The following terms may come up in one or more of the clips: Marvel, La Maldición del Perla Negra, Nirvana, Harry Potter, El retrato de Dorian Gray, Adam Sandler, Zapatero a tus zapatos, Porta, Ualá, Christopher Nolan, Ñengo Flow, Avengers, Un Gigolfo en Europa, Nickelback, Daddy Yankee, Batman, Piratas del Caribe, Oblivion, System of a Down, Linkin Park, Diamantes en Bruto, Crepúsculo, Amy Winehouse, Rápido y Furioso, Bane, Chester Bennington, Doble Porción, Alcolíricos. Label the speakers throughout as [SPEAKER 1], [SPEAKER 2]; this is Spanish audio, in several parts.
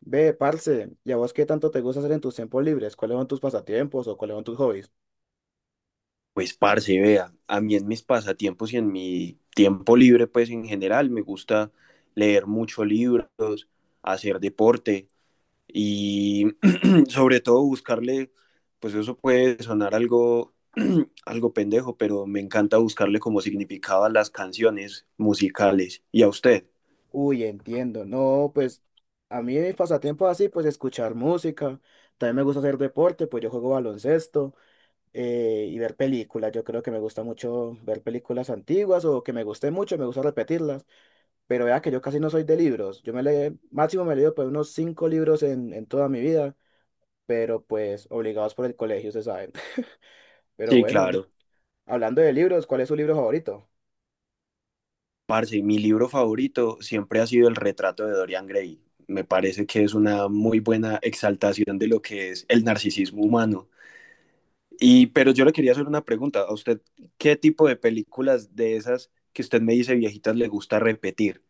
[SPEAKER 1] Ve, parce, ¿y a vos qué tanto te gusta hacer en tus tiempos libres? ¿Cuáles son tus pasatiempos o cuáles son tus hobbies?
[SPEAKER 2] Pues parce, vea, a mí en mis pasatiempos y en mi tiempo libre, pues en general, me gusta leer muchos libros, hacer deporte y sobre todo buscarle, pues eso puede sonar algo, algo pendejo, pero me encanta buscarle como significado a las canciones musicales. ¿Y a usted?
[SPEAKER 1] Uy, entiendo. No, pues a mí mis pasatiempos así, pues escuchar música. También me gusta hacer deporte, pues yo juego baloncesto y ver películas. Yo creo que me gusta mucho ver películas antiguas o que me guste mucho, me gusta repetirlas. Pero vea que yo casi no soy de libros. Yo me leí, máximo me he leído pues unos cinco libros en toda mi vida, pero pues obligados por el colegio, se sabe. Pero
[SPEAKER 2] Sí,
[SPEAKER 1] bueno,
[SPEAKER 2] claro.
[SPEAKER 1] hablando de libros, ¿cuál es su libro favorito?
[SPEAKER 2] Parce, mi libro favorito siempre ha sido El retrato de Dorian Gray. Me parece que es una muy buena exaltación de lo que es el narcisismo humano. Y, pero yo le quería hacer una pregunta a usted, ¿qué tipo de películas de esas que usted me dice viejitas le gusta repetir?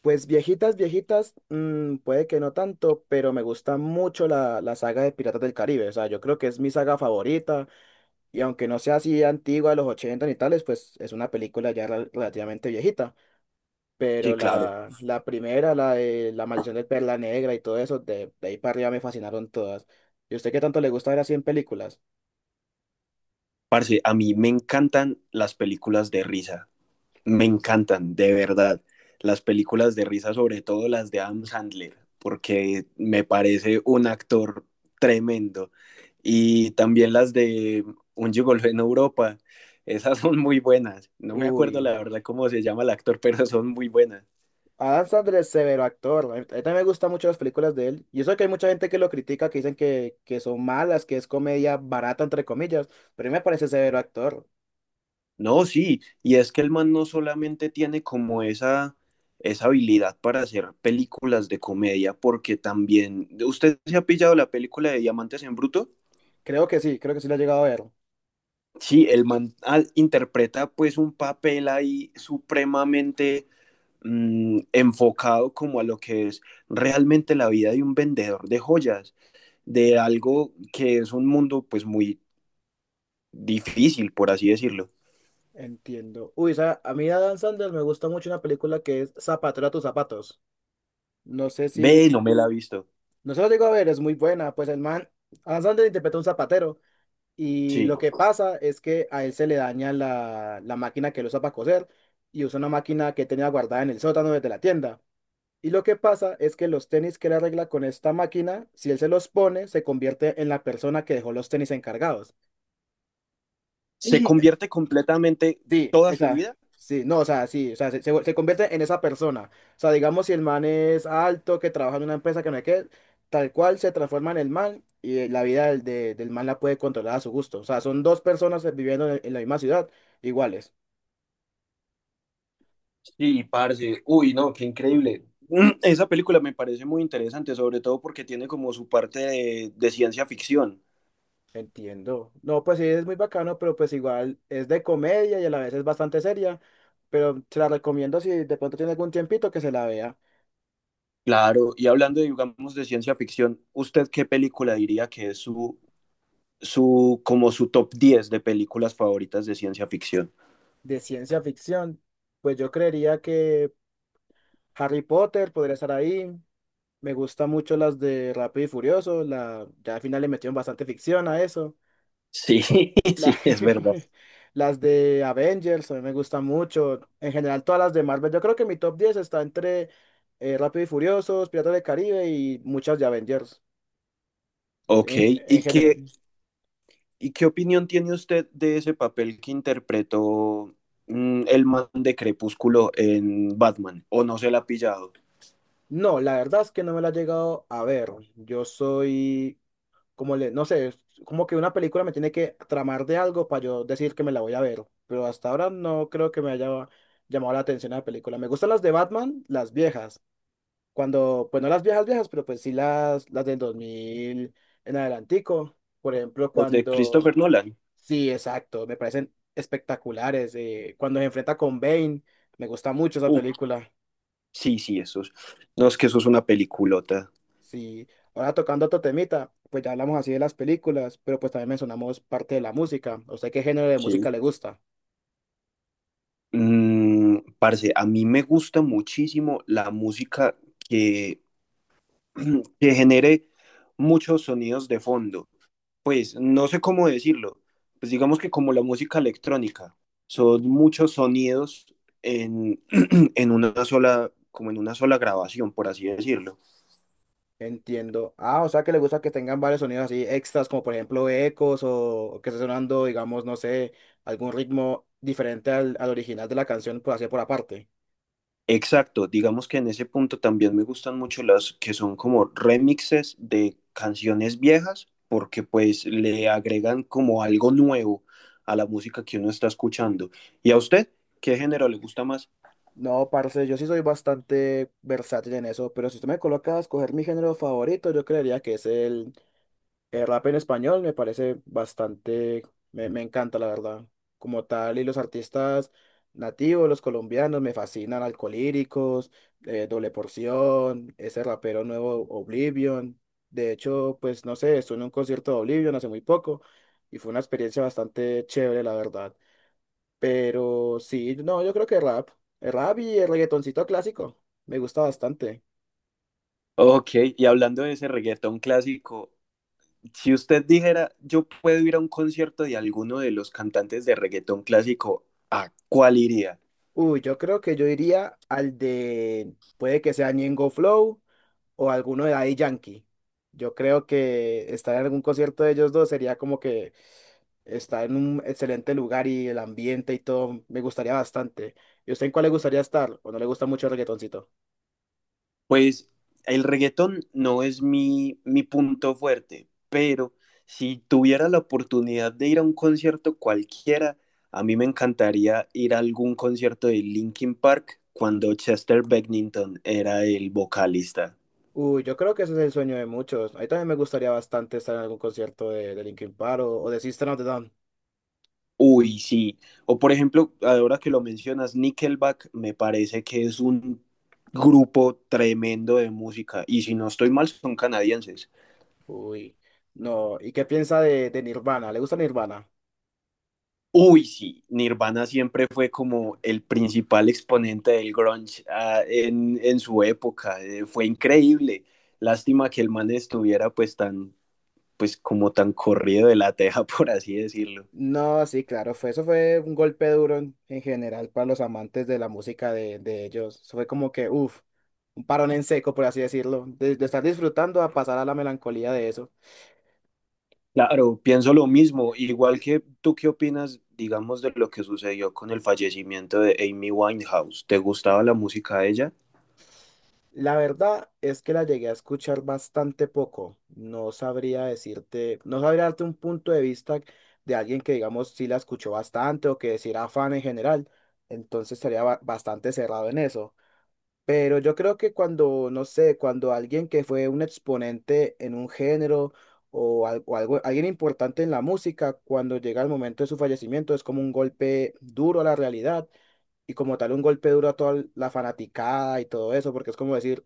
[SPEAKER 1] Pues viejitas, viejitas, puede que no tanto, pero me gusta mucho la saga de Piratas del Caribe. O sea, yo creo que es mi saga favorita. Y aunque no sea así antigua de los 80 ni tales, pues es una película ya relativamente viejita. Pero
[SPEAKER 2] Sí, claro.
[SPEAKER 1] la primera, la de La Maldición del Perla Negra y todo eso, de ahí para arriba me fascinaron todas. ¿Y usted qué tanto le gusta ver así en películas?
[SPEAKER 2] Parce, a mí me encantan las películas de risa, me encantan, de verdad. Las películas de risa, sobre todo las de Adam Sandler, porque me parece un actor tremendo. Y también las de Un Gigolfo en Europa, esas son muy buenas. No me acuerdo la
[SPEAKER 1] Uy.
[SPEAKER 2] verdad cómo se llama el actor, pero son muy buenas.
[SPEAKER 1] Adam Sandler es severo actor. A mí también me gustan mucho las películas de él. Y eso que hay mucha gente que lo critica, que dicen que son malas, que es comedia barata, entre comillas. Pero a mí me parece severo actor.
[SPEAKER 2] No, sí, y es que el man no solamente tiene como esa habilidad para hacer películas de comedia, porque también, ¿usted se ha pillado la película de Diamantes en Bruto?
[SPEAKER 1] Creo que sí lo he llegado a ver.
[SPEAKER 2] Sí, el man interpreta pues un papel ahí supremamente enfocado como a lo que es realmente la vida de un vendedor de joyas, de
[SPEAKER 1] En-
[SPEAKER 2] algo que es un mundo pues muy difícil, por así decirlo.
[SPEAKER 1] Entiendo. Uy, a mí de Adam Sandler me gusta mucho una película que es Zapatero a tus zapatos. No sé si.
[SPEAKER 2] Ve, no me la ha visto.
[SPEAKER 1] No se lo digo a ver, es muy buena. Pues el man, Adam Sandler interpreta a un zapatero. Y
[SPEAKER 2] Sí.
[SPEAKER 1] lo que pasa es que a él se le daña la máquina que él usa para coser y usa una máquina que tenía guardada en el sótano desde la tienda. Y lo que pasa es que los tenis que él arregla con esta máquina, si él se los pone, se convierte en la persona que dejó los tenis encargados.
[SPEAKER 2] Se convierte completamente
[SPEAKER 1] Sí,
[SPEAKER 2] toda su
[SPEAKER 1] esa,
[SPEAKER 2] vida.
[SPEAKER 1] sí, no, o sea, sí, o sea, se convierte en esa persona. O sea, digamos, si el man es alto, que trabaja en una empresa que no es que, tal cual se transforma en el man y la vida del man la puede controlar a su gusto. O sea, son dos personas viviendo en la misma ciudad, iguales.
[SPEAKER 2] Sí, parce. Uy, no, qué increíble. Esa película me parece muy interesante, sobre todo porque tiene como su parte de ciencia ficción.
[SPEAKER 1] Entiendo. No, pues sí, es muy bacano, pero pues igual es de comedia y a la vez es bastante seria, pero se la recomiendo si de pronto tiene algún tiempito que se la vea.
[SPEAKER 2] Claro, y hablando, digamos, de ciencia ficción, ¿usted qué película diría que es como su top 10 de películas favoritas de ciencia ficción?
[SPEAKER 1] De ciencia ficción, pues yo creería que Harry Potter podría estar ahí. Me gustan mucho las de Rápido y Furioso. Ya al final le metieron bastante ficción a eso.
[SPEAKER 2] Sí,
[SPEAKER 1] La-
[SPEAKER 2] sí, es verdad.
[SPEAKER 1] las de Avengers a mí me gustan mucho. En general, todas las de Marvel. Yo creo que mi top 10 está entre Rápido y Furiosos, Piratas del Caribe y muchas de Avengers
[SPEAKER 2] Ok,
[SPEAKER 1] en, en
[SPEAKER 2] ¿y
[SPEAKER 1] general.
[SPEAKER 2] qué, ¿Y qué opinión tiene usted de ese papel que interpretó el man de Crepúsculo en Batman? ¿O no se la ha pillado?
[SPEAKER 1] No, la verdad es que no me la he llegado a ver. Yo soy como le, no sé, es como que una película me tiene que tramar de algo para yo decir que me la voy a ver, pero hasta ahora no creo que me haya llamado la atención la película. Me gustan las de Batman, las viejas, cuando, pues no las viejas viejas, pero pues sí las del 2000 en adelantico, por ejemplo,
[SPEAKER 2] Las de
[SPEAKER 1] cuando,
[SPEAKER 2] Christopher Nolan.
[SPEAKER 1] sí, exacto, me parecen espectaculares, cuando se enfrenta con Bane, me gusta mucho esa
[SPEAKER 2] Uh,
[SPEAKER 1] película.
[SPEAKER 2] sí, sí, esos. No, es que eso es una peliculota.
[SPEAKER 1] Sí, ahora tocando otro temita, pues ya hablamos así de las películas, pero pues también mencionamos parte de la música. ¿A ¿Usted qué género de música
[SPEAKER 2] Sí.
[SPEAKER 1] le gusta?
[SPEAKER 2] Parce, a mí me gusta muchísimo la música que, que genere muchos sonidos de fondo. Pues no sé cómo decirlo, pues digamos que como la música electrónica, son muchos sonidos en, en una sola, como en una sola grabación, por así decirlo.
[SPEAKER 1] Entiendo. Ah, o sea que le gusta que tengan varios sonidos así extras, como por ejemplo ecos o que esté sonando, digamos, no sé, algún ritmo diferente al original de la canción, por así por aparte.
[SPEAKER 2] Exacto, digamos que en ese punto también me gustan mucho las que son como remixes de canciones viejas, porque pues le agregan como algo nuevo a la música que uno está escuchando. ¿Y a usted qué género le gusta más?
[SPEAKER 1] No, parce, yo sí soy bastante versátil en eso, pero si usted me coloca a escoger mi género favorito, yo creería que es el rap en español me parece bastante, me encanta la verdad, como tal, y los artistas nativos, los colombianos, me fascinan, Alcolíricos, Doble Porción, ese rapero nuevo Oblivion, de hecho, pues no sé, estuve en un concierto de Oblivion hace muy poco y fue una experiencia bastante chévere la verdad, pero sí, no, yo creo que rap, el rap y el reggaetoncito clásico, me gusta bastante.
[SPEAKER 2] Ok, y hablando de ese reggaetón clásico, si usted dijera, yo puedo ir a un concierto de alguno de los cantantes de reggaetón clásico, ¿a cuál iría?
[SPEAKER 1] Uy, yo creo que yo iría al de, puede que sea Ñengo Flow o alguno de Daddy Yankee. Yo creo que estar en algún concierto de ellos dos sería como que estar en un excelente lugar y el ambiente y todo me gustaría bastante. ¿Y usted en cuál le gustaría estar? ¿O no le gusta mucho el reggaetoncito?
[SPEAKER 2] Pues el reggaetón no es mi punto fuerte, pero si tuviera la oportunidad de ir a un concierto cualquiera, a mí me encantaría ir a algún concierto de Linkin Park cuando Chester Bennington era el vocalista.
[SPEAKER 1] Uy, yo creo que ese es el sueño de muchos. A mí también me gustaría bastante estar en algún concierto de Linkin Park o de System of a Down.
[SPEAKER 2] Uy, sí. O por ejemplo, ahora que lo mencionas, Nickelback me parece que es un grupo tremendo de música. Y si no estoy mal, son canadienses.
[SPEAKER 1] Uy, no. ¿Y qué piensa de Nirvana? ¿Le gusta Nirvana?
[SPEAKER 2] Uy, sí. Nirvana siempre fue como el principal exponente del grunge, en su época. Fue increíble. Lástima que el man estuviera pues tan, pues como tan corrido de la teja, por así decirlo.
[SPEAKER 1] No, sí, claro, fue, eso fue un golpe duro en general para los amantes de la música de ellos. Eso fue como que, uff, un parón en seco, por así decirlo, de estar disfrutando a pasar a la melancolía de eso.
[SPEAKER 2] Claro, pienso lo mismo. Igual que tú, ¿qué opinas, digamos, de lo que sucedió con el fallecimiento de Amy Winehouse? ¿Te gustaba la música de ella?
[SPEAKER 1] La verdad es que la llegué a escuchar bastante poco. No sabría decirte, no sabría darte un punto de vista de alguien que, digamos, sí la escuchó bastante o que sí era fan en general. Entonces estaría bastante cerrado en eso. Pero yo creo que cuando, no sé, cuando alguien que fue un exponente en un género o algo, alguien importante en la música, cuando llega el momento de su fallecimiento, es como un golpe duro a la realidad y como tal un golpe duro a toda la fanaticada y todo eso, porque es como decir,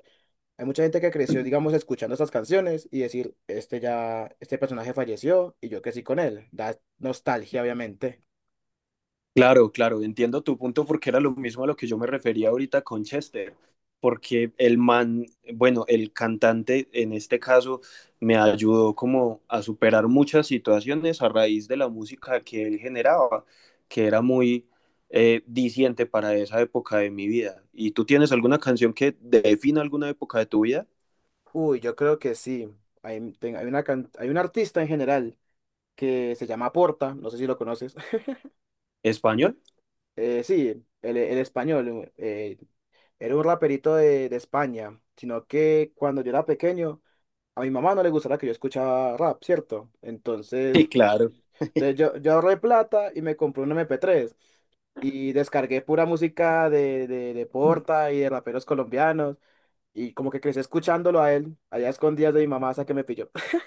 [SPEAKER 1] hay mucha gente que creció, digamos, escuchando estas canciones y decir, este ya, este personaje falleció y yo crecí con él. Da nostalgia, obviamente.
[SPEAKER 2] Claro, claro, entiendo tu punto porque era lo mismo a lo que yo me refería ahorita con Chester, porque el man, bueno, el cantante en este caso me ayudó como a superar muchas situaciones a raíz de la música que él generaba, que era muy diciente para esa época de mi vida. ¿Y tú tienes alguna canción que defina alguna época de tu vida?
[SPEAKER 1] Uy, yo creo que sí. Hay, ten- hay una, can- hay un artista en general. Que se llama Porta, no sé si lo conoces.
[SPEAKER 2] ¿Español?
[SPEAKER 1] Sí, el español, era un raperito de España, sino que cuando yo era pequeño, a mi mamá no le gustaba que yo escuchara rap, ¿cierto? Entonces,
[SPEAKER 2] Sí, claro.
[SPEAKER 1] entonces yo ahorré plata y me compré un MP3 y descargué pura música de Porta y de raperos colombianos y como que crecí escuchándolo a él, allá a escondidas de mi mamá hasta que me pilló.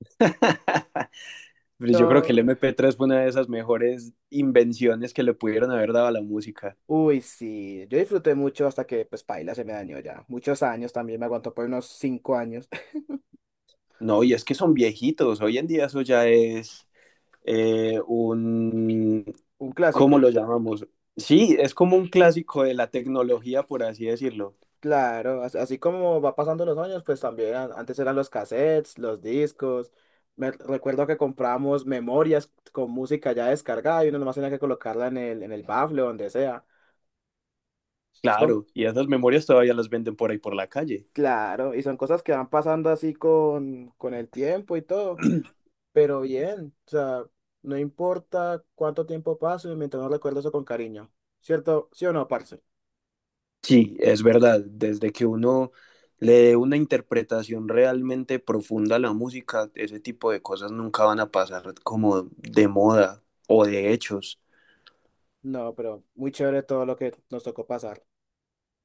[SPEAKER 2] Pero yo creo que el
[SPEAKER 1] No.
[SPEAKER 2] MP3 fue una de esas mejores invenciones que le pudieron haber dado a la música.
[SPEAKER 1] Uy, sí, yo disfruté mucho hasta que, pues, paila, se me dañó ya. Muchos años también, me aguantó por unos 5 años.
[SPEAKER 2] No, y es que son viejitos. Hoy en día eso ya es eh, un,
[SPEAKER 1] Un
[SPEAKER 2] ¿cómo
[SPEAKER 1] clásico,
[SPEAKER 2] lo llamamos? Sí, es como un clásico de la tecnología, por así decirlo.
[SPEAKER 1] claro, así como va pasando los años, pues también antes eran los cassettes, los discos. Me recuerdo que compramos memorias con música ya descargada y uno nomás tenía que colocarla en el bafle o donde sea. Son,
[SPEAKER 2] Claro, y esas memorias todavía las venden por ahí por la calle.
[SPEAKER 1] claro, y son cosas que van pasando así con el tiempo y todo. Pero bien, o sea, no importa cuánto tiempo pase, mientras no recuerdo eso con cariño. ¿Cierto? ¿Sí o no, parce?
[SPEAKER 2] Sí, es verdad. Desde que uno le dé una interpretación realmente profunda a la música, ese tipo de cosas nunca van a pasar como de moda o de hechos.
[SPEAKER 1] No, pero muy chévere todo lo que nos tocó pasar.